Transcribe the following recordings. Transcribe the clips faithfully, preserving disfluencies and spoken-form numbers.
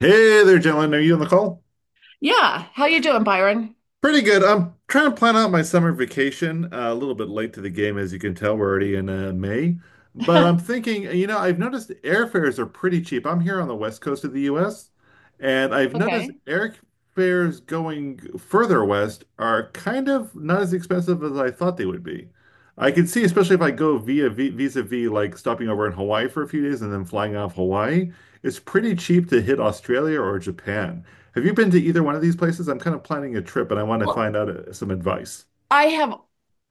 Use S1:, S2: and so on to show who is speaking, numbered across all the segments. S1: Hey there, gentlemen. Are you on the call?
S2: Yeah, how you doing, Byron?
S1: Pretty good. I'm trying to plan out my summer vacation. Uh, a little bit late to the game, as you can tell. We're already in uh, May. But I'm thinking, you know, I've noticed airfares are pretty cheap. I'm here on the west coast of the U S, and I've noticed
S2: Okay.
S1: airfares going further west are kind of not as expensive as I thought they would be. I can see, especially if I go via vi- vis-a-vis like stopping over in Hawaii for a few days and then flying off Hawaii, it's pretty cheap to hit Australia or Japan. Have you been to either one of these places? I'm kind of planning a trip and I want to
S2: Well,
S1: find out uh, some advice.
S2: I have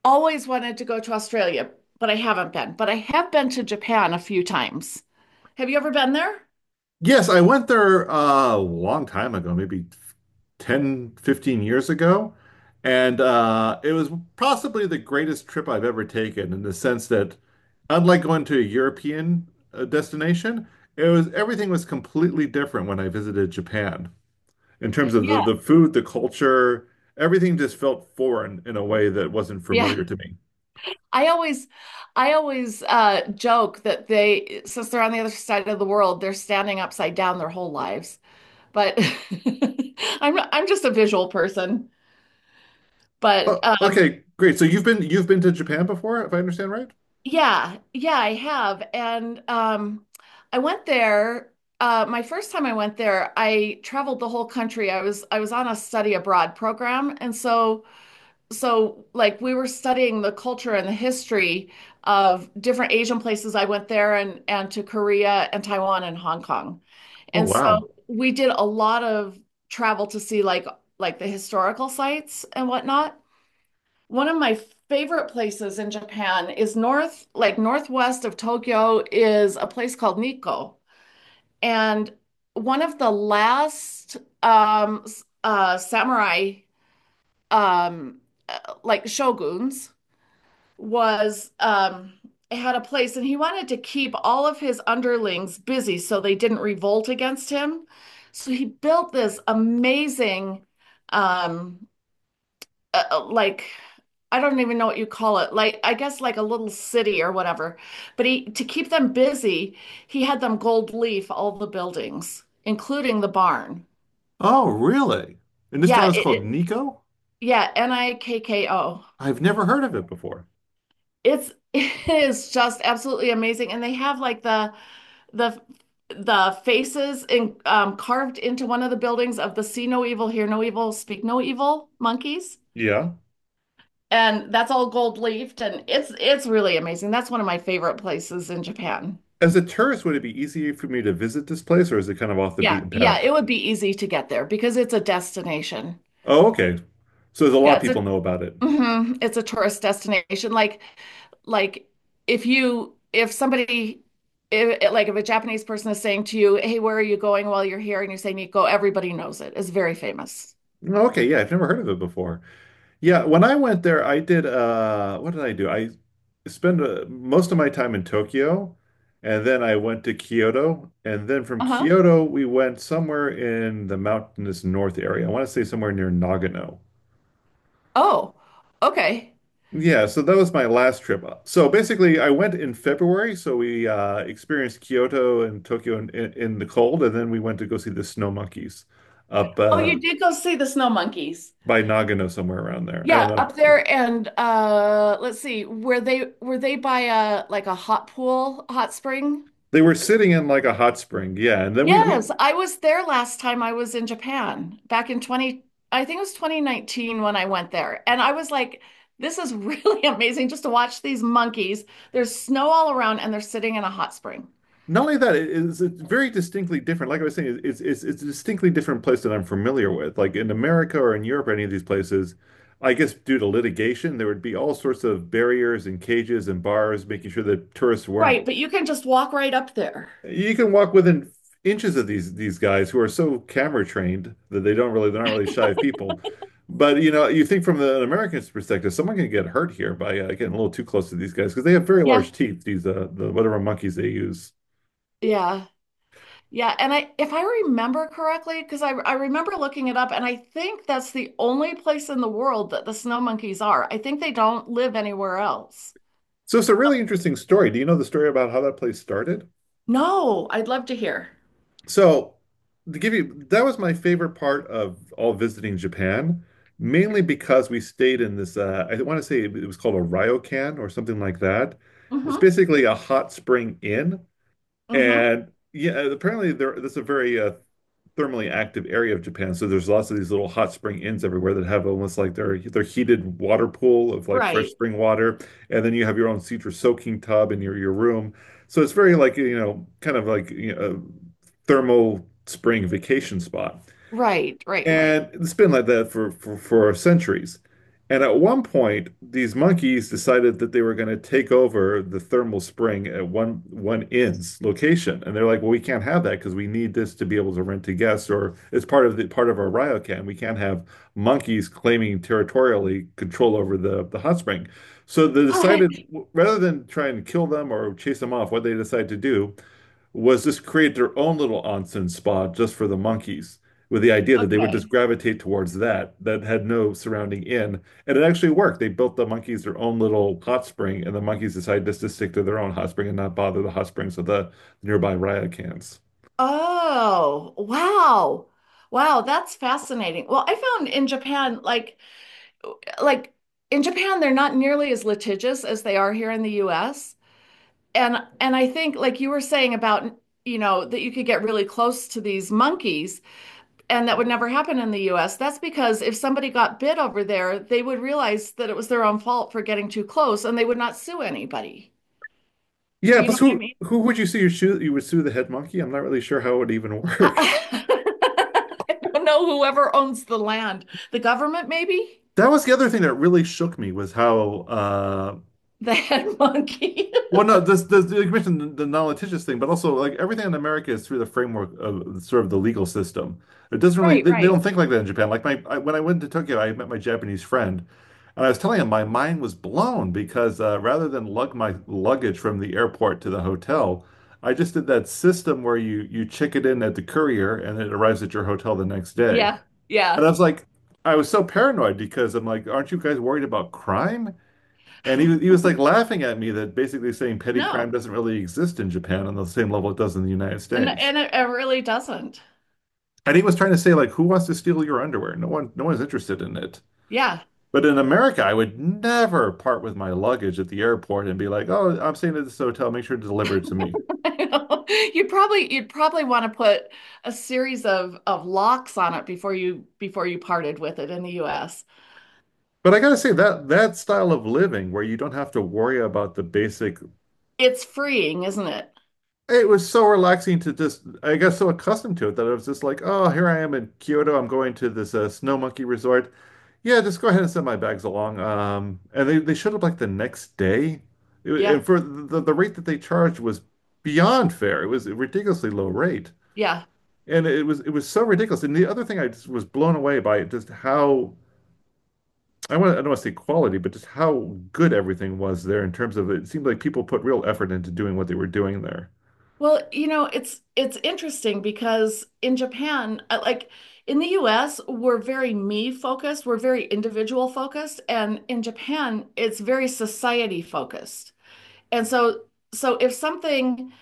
S2: always wanted to go to Australia, but I haven't been. But I have been to Japan a few times. Have you ever been there?
S1: Yes, I went there uh, a long time ago, maybe ten, fifteen years ago. And uh, it was possibly the greatest trip I've ever taken in the sense that, unlike going to a European uh, destination, it was everything was completely different when I visited Japan in terms of the,
S2: Yeah,
S1: the food, the culture, everything just felt foreign in a way that wasn't
S2: yeah.
S1: familiar to me.
S2: I always, I always uh, joke that they, since they're on the other side of the world, they're standing upside down their whole lives. But I'm I'm just a visual person. But
S1: Oh,
S2: um,
S1: okay, great. So you've been you've been to Japan before, if I understand right?
S2: Yeah, yeah, I have. And um, I went there uh, my first time I went there, I traveled the whole country. I was I was on a study abroad program, and so so like we were studying the culture and the history of different Asian places. I went there and and to Korea and Taiwan and Hong Kong.
S1: Oh,
S2: And so
S1: wow.
S2: we did a lot of travel to see like like the historical sites and whatnot. One of my favorite places in Japan is north, like northwest of Tokyo, is a place called Nikko. And one of the last um, s- uh, samurai, um, uh, like shoguns, was um, had a place, and he wanted to keep all of his underlings busy so they didn't revolt against him. So he built this amazing um, uh, uh, like I don't even know what you call it. Like I guess like a little city or whatever. But he to keep them busy, he had them gold leaf all the buildings, including the barn.
S1: Oh, really? And this town
S2: Yeah,
S1: is
S2: it,
S1: called
S2: it
S1: Nico?
S2: yeah, N I K K O.
S1: I've never heard of it before.
S2: It's it is just absolutely amazing. And they have like the the the faces in, um, carved into one of the buildings of the See No Evil, Hear No Evil, Speak No Evil monkeys,
S1: Yeah.
S2: and that's all gold leafed and it's it's really amazing. That's one of my favorite places in Japan.
S1: As a tourist, would it be easier for me to visit this place or is it kind of off the
S2: Yeah,
S1: beaten
S2: yeah,
S1: path?
S2: it would be easy to get there because it's a destination.
S1: Oh, okay. So there's a lot
S2: Yeah,
S1: of
S2: it's
S1: people
S2: a
S1: know about it.
S2: mhm, it's a tourist destination. Like like if you if somebody if like if a Japanese person is saying to you, "Hey, where are you going while you're here?" and you're saying Nikko, everybody knows it. It's very famous.
S1: Okay, yeah, I've never heard of it before. Yeah, when I went there, I did uh what did I do? I spent uh, most of my time in Tokyo and then I went to Kyoto and then from
S2: Uh-huh.
S1: Kyoto we went somewhere in the mountainous north area. I want to say somewhere near Nagano.
S2: Oh, okay.
S1: Yeah, so that was my last trip up. So basically, I went in February. So we uh, experienced Kyoto and Tokyo in, in, in the cold, and then we went to go see the snow monkeys up
S2: Oh,
S1: uh,
S2: you did go see the snow monkeys.
S1: by Nagano, somewhere around there. I don't
S2: Yeah,
S1: know.
S2: up
S1: Yeah.
S2: there and uh let's see, were they were they by a like a hot pool, hot spring?
S1: They were sitting in like a hot spring. Yeah, and then we we
S2: Yes, I was there last time I was in Japan back in twenty, I think it was twenty nineteen when I went there. And I was like, this is really amazing just to watch these monkeys. There's snow all around and they're sitting in a hot spring.
S1: not only that, it is it's very distinctly different. Like I was saying, it's it's it's a distinctly different place that I'm familiar with. Like in America or in Europe, or any of these places. I guess due to litigation, there would be all sorts of barriers and cages and bars, making sure that tourists weren't.
S2: Right, but you can just walk right up there.
S1: You can walk within inches of these these guys who are so camera trained that they don't really they're not really shy of people. But you know, you think from the, an American's perspective, someone can get hurt here by uh, getting a little too close to these guys because they have very
S2: Yeah.
S1: large teeth. These uh, the whatever monkeys they use.
S2: Yeah. Yeah, and I if I remember correctly, because I I remember looking it up, and I think that's the only place in the world that the snow monkeys are. I think they don't live anywhere else.
S1: So it's a really interesting story. Do you know the story about how that place started?
S2: No, I'd love to hear.
S1: So, to give you, that was my favorite part of all visiting Japan, mainly because we stayed in this, uh, I want to say it was called a ryokan or something like that. It's
S2: Mm-hmm.
S1: basically a hot spring inn
S2: Mm-hmm.
S1: and yeah, apparently there that's a very uh, thermally active area of Japan. So there's lots of these little hot spring inns everywhere that have almost like their their heated water pool of like fresh
S2: Right.
S1: spring water, and then you have your own secret soaking tub in your your room. So it's very like you know kind of like, you know, a thermal spring vacation spot.
S2: Right, right, right.
S1: And it's been like that for for, for centuries. And at one point, these monkeys decided that they were going to take over the thermal spring at one one inn's location. And they're like, well, we can't have that because we need this to be able to rent to guests, or it's part of the part of our RioCan. We can't have monkeys claiming territorially control over the, the hot spring. So they decided, rather than try and kill them or chase them off, what they decided to do was just create their own little onsen spa just for the monkeys, with the idea that they would just
S2: Okay.
S1: gravitate towards that, that had no surrounding inn. And it actually worked. They built the monkeys their own little hot spring, and the monkeys decided just to stick to their own hot spring and not bother the hot springs of the nearby riot cans.
S2: Oh, wow. Wow, that's fascinating. Well, I found in Japan, like like in Japan, they're not nearly as litigious as they are here in the U S. and and I think like you were saying about you know that you could get really close to these monkeys and that would never happen in the U S. That's because if somebody got bit over there, they would realize that it was their own fault for getting too close and they would not sue anybody.
S1: Yeah,
S2: You know
S1: plus
S2: what I
S1: who
S2: mean?
S1: who would you sue? You shoot? You would sue the head monkey? I'm not really sure how it would even work.
S2: I don't know whoever owns the land. The government maybe?
S1: That was the other thing that really shook me was how uh
S2: The head monkey.
S1: Well, no, this, this you mentioned the, the non-litigious thing, but also like everything in America is through the framework of sort of the legal system. It doesn't really.
S2: Right,
S1: They, they
S2: right.
S1: don't think like that in Japan. Like my I, when I went to Tokyo, I met my Japanese friend, and I was telling him my mind was blown because uh, rather than lug my luggage from the airport to the hotel, I just did that system where you you check it in at the courier and it arrives at your hotel the next day.
S2: Yeah.
S1: And
S2: Yeah.
S1: I was like, I was so paranoid because I'm like, aren't you guys worried about crime? And he was he was like laughing at me that basically saying petty crime
S2: No.
S1: doesn't really exist in Japan on the same level it does in the United
S2: And
S1: States.
S2: and it, it really doesn't.
S1: And he was trying to say like, who wants to steal your underwear? No one, no one's interested in it.
S2: Yeah.
S1: But in America, I would never part with my luggage at the airport and be like, oh, I'm staying at this hotel. Make sure to deliver it to me.
S2: You'd probably you'd probably want to put a series of of locks on it before you before you parted with it in the U S.
S1: But I gotta say that that style of living where you don't have to worry about the basic.
S2: It's freeing, isn't it?
S1: It was so relaxing to just, I got so accustomed to it that I was just like, oh, here I am in Kyoto. I'm going to this uh, Snow Monkey Resort. Yeah, just go ahead and send my bags along. Um, and they, they showed up like the next day. It wa-
S2: Yeah.
S1: and for the, the rate that they charged was beyond fair. It was a ridiculously low rate.
S2: Yeah.
S1: And it was it was so ridiculous. And the other thing I just was blown away by just how I want I don't want to say quality, but just how good everything was there in terms of it seemed like people put real effort into doing what they were doing there.
S2: Well, you know, it's it's interesting because in Japan, uh, like in the U S, we're very me focused, we're very individual focused, and in Japan, it's very society focused. And so so if something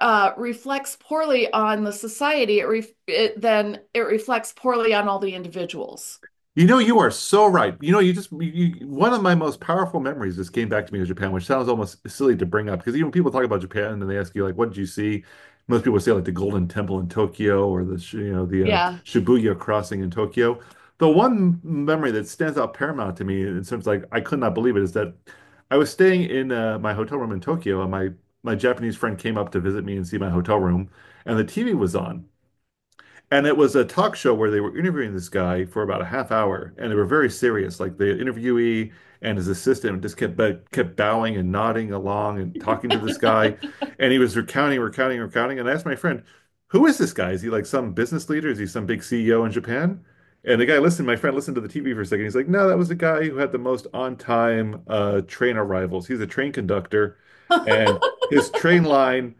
S2: uh, reflects poorly on the society, it ref it, then it reflects poorly on all the individuals.
S1: You know, you are so right. You know, you just you, you- one of my most powerful memories just came back to me of Japan, which sounds almost silly to bring up because even when people talk about Japan and they ask you like, "What did you see?" Most people say like the Golden Temple in Tokyo or the sh- you know the uh,
S2: Yeah.
S1: Shibuya crossing in Tokyo. The one memory that stands out paramount to me in terms of, like I could not believe it is that I was staying in uh, my hotel room in Tokyo and my my Japanese friend came up to visit me and see my hotel room and the T V was on. And it was a talk show where they were interviewing this guy for about a half hour, and they were very serious. Like the interviewee and his assistant just kept kept bowing and nodding along and talking to this guy, and he was recounting, recounting, recounting. And I asked my friend, "Who is this guy? Is he like some business leader? Is he some big C E O in Japan?" And the guy listened. My friend listened to the T V for a second. He's like, "No, that was the guy who had the most on-time uh, train arrivals. He's a train conductor, and his train line"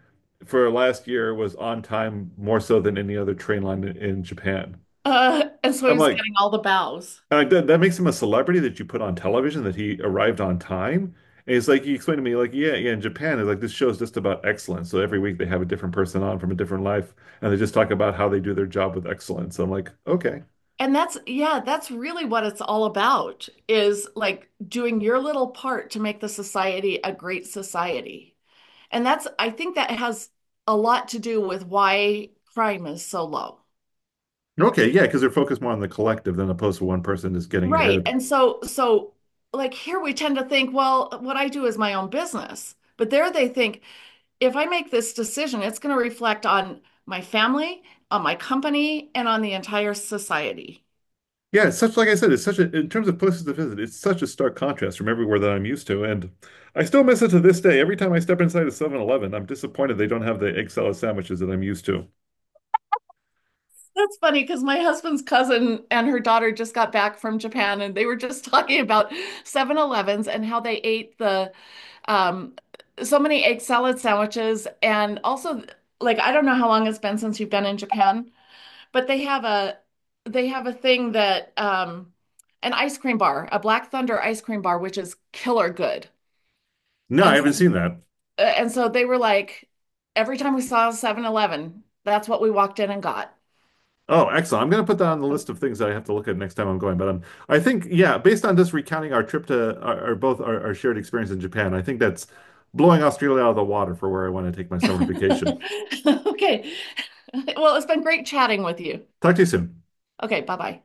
S1: for last year was on time more so than any other train line in, in Japan.
S2: Uh, and so he
S1: I'm
S2: was
S1: like,
S2: getting all the bows.
S1: uh, that, that makes him a celebrity that you put on television that he arrived on time. And it's like he explained to me, like, yeah, yeah, in Japan, it's like this show's just about excellence. So every week they have a different person on from a different life, and they just talk about how they do their job with excellence. So I'm like, okay,
S2: And that's, yeah, that's really what it's all about is like doing your little part to make the society a great society. And that's, I think that has a lot to do with why crime is so low.
S1: okay, yeah, because they're focused more on the collective than opposed to one person just getting
S2: Right.
S1: ahead.
S2: And so, so like here we tend to think, well, what I do is my own business. But there they think, if I make this decision, it's going to reflect on my family, on my company, and on the entire society.
S1: Yeah, it's such like I said, it's such a in terms of places to visit, it's such a stark contrast from everywhere that I'm used to. And I still miss it to this day. Every time I step inside a Seven I'm disappointed they don't have the egg salad sandwiches that I'm used to.
S2: That's funny because my husband's cousin and her daughter just got back from Japan and they were just talking about Seven Elevens and how they ate the um, so many egg salad sandwiches. And also, like, I don't know how long it's been since you've been in Japan, but they have a they have a thing that um, an ice cream bar, a Black Thunder ice cream bar, which is killer good.
S1: No, I
S2: And
S1: haven't seen that.
S2: uh, and so they were like, every time we saw seven-Eleven, that's what we walked in and got.
S1: Oh, excellent. I'm going to put that on the list of things that I have to look at next time I'm going. But um, I think, yeah, based on just recounting our trip to our, our both our, our shared experience in Japan, I think that's blowing Australia out of the water for where I want to take my summer vacation.
S2: Okay. Well, it's been great chatting with you.
S1: Talk to you soon.
S2: Okay, bye-bye.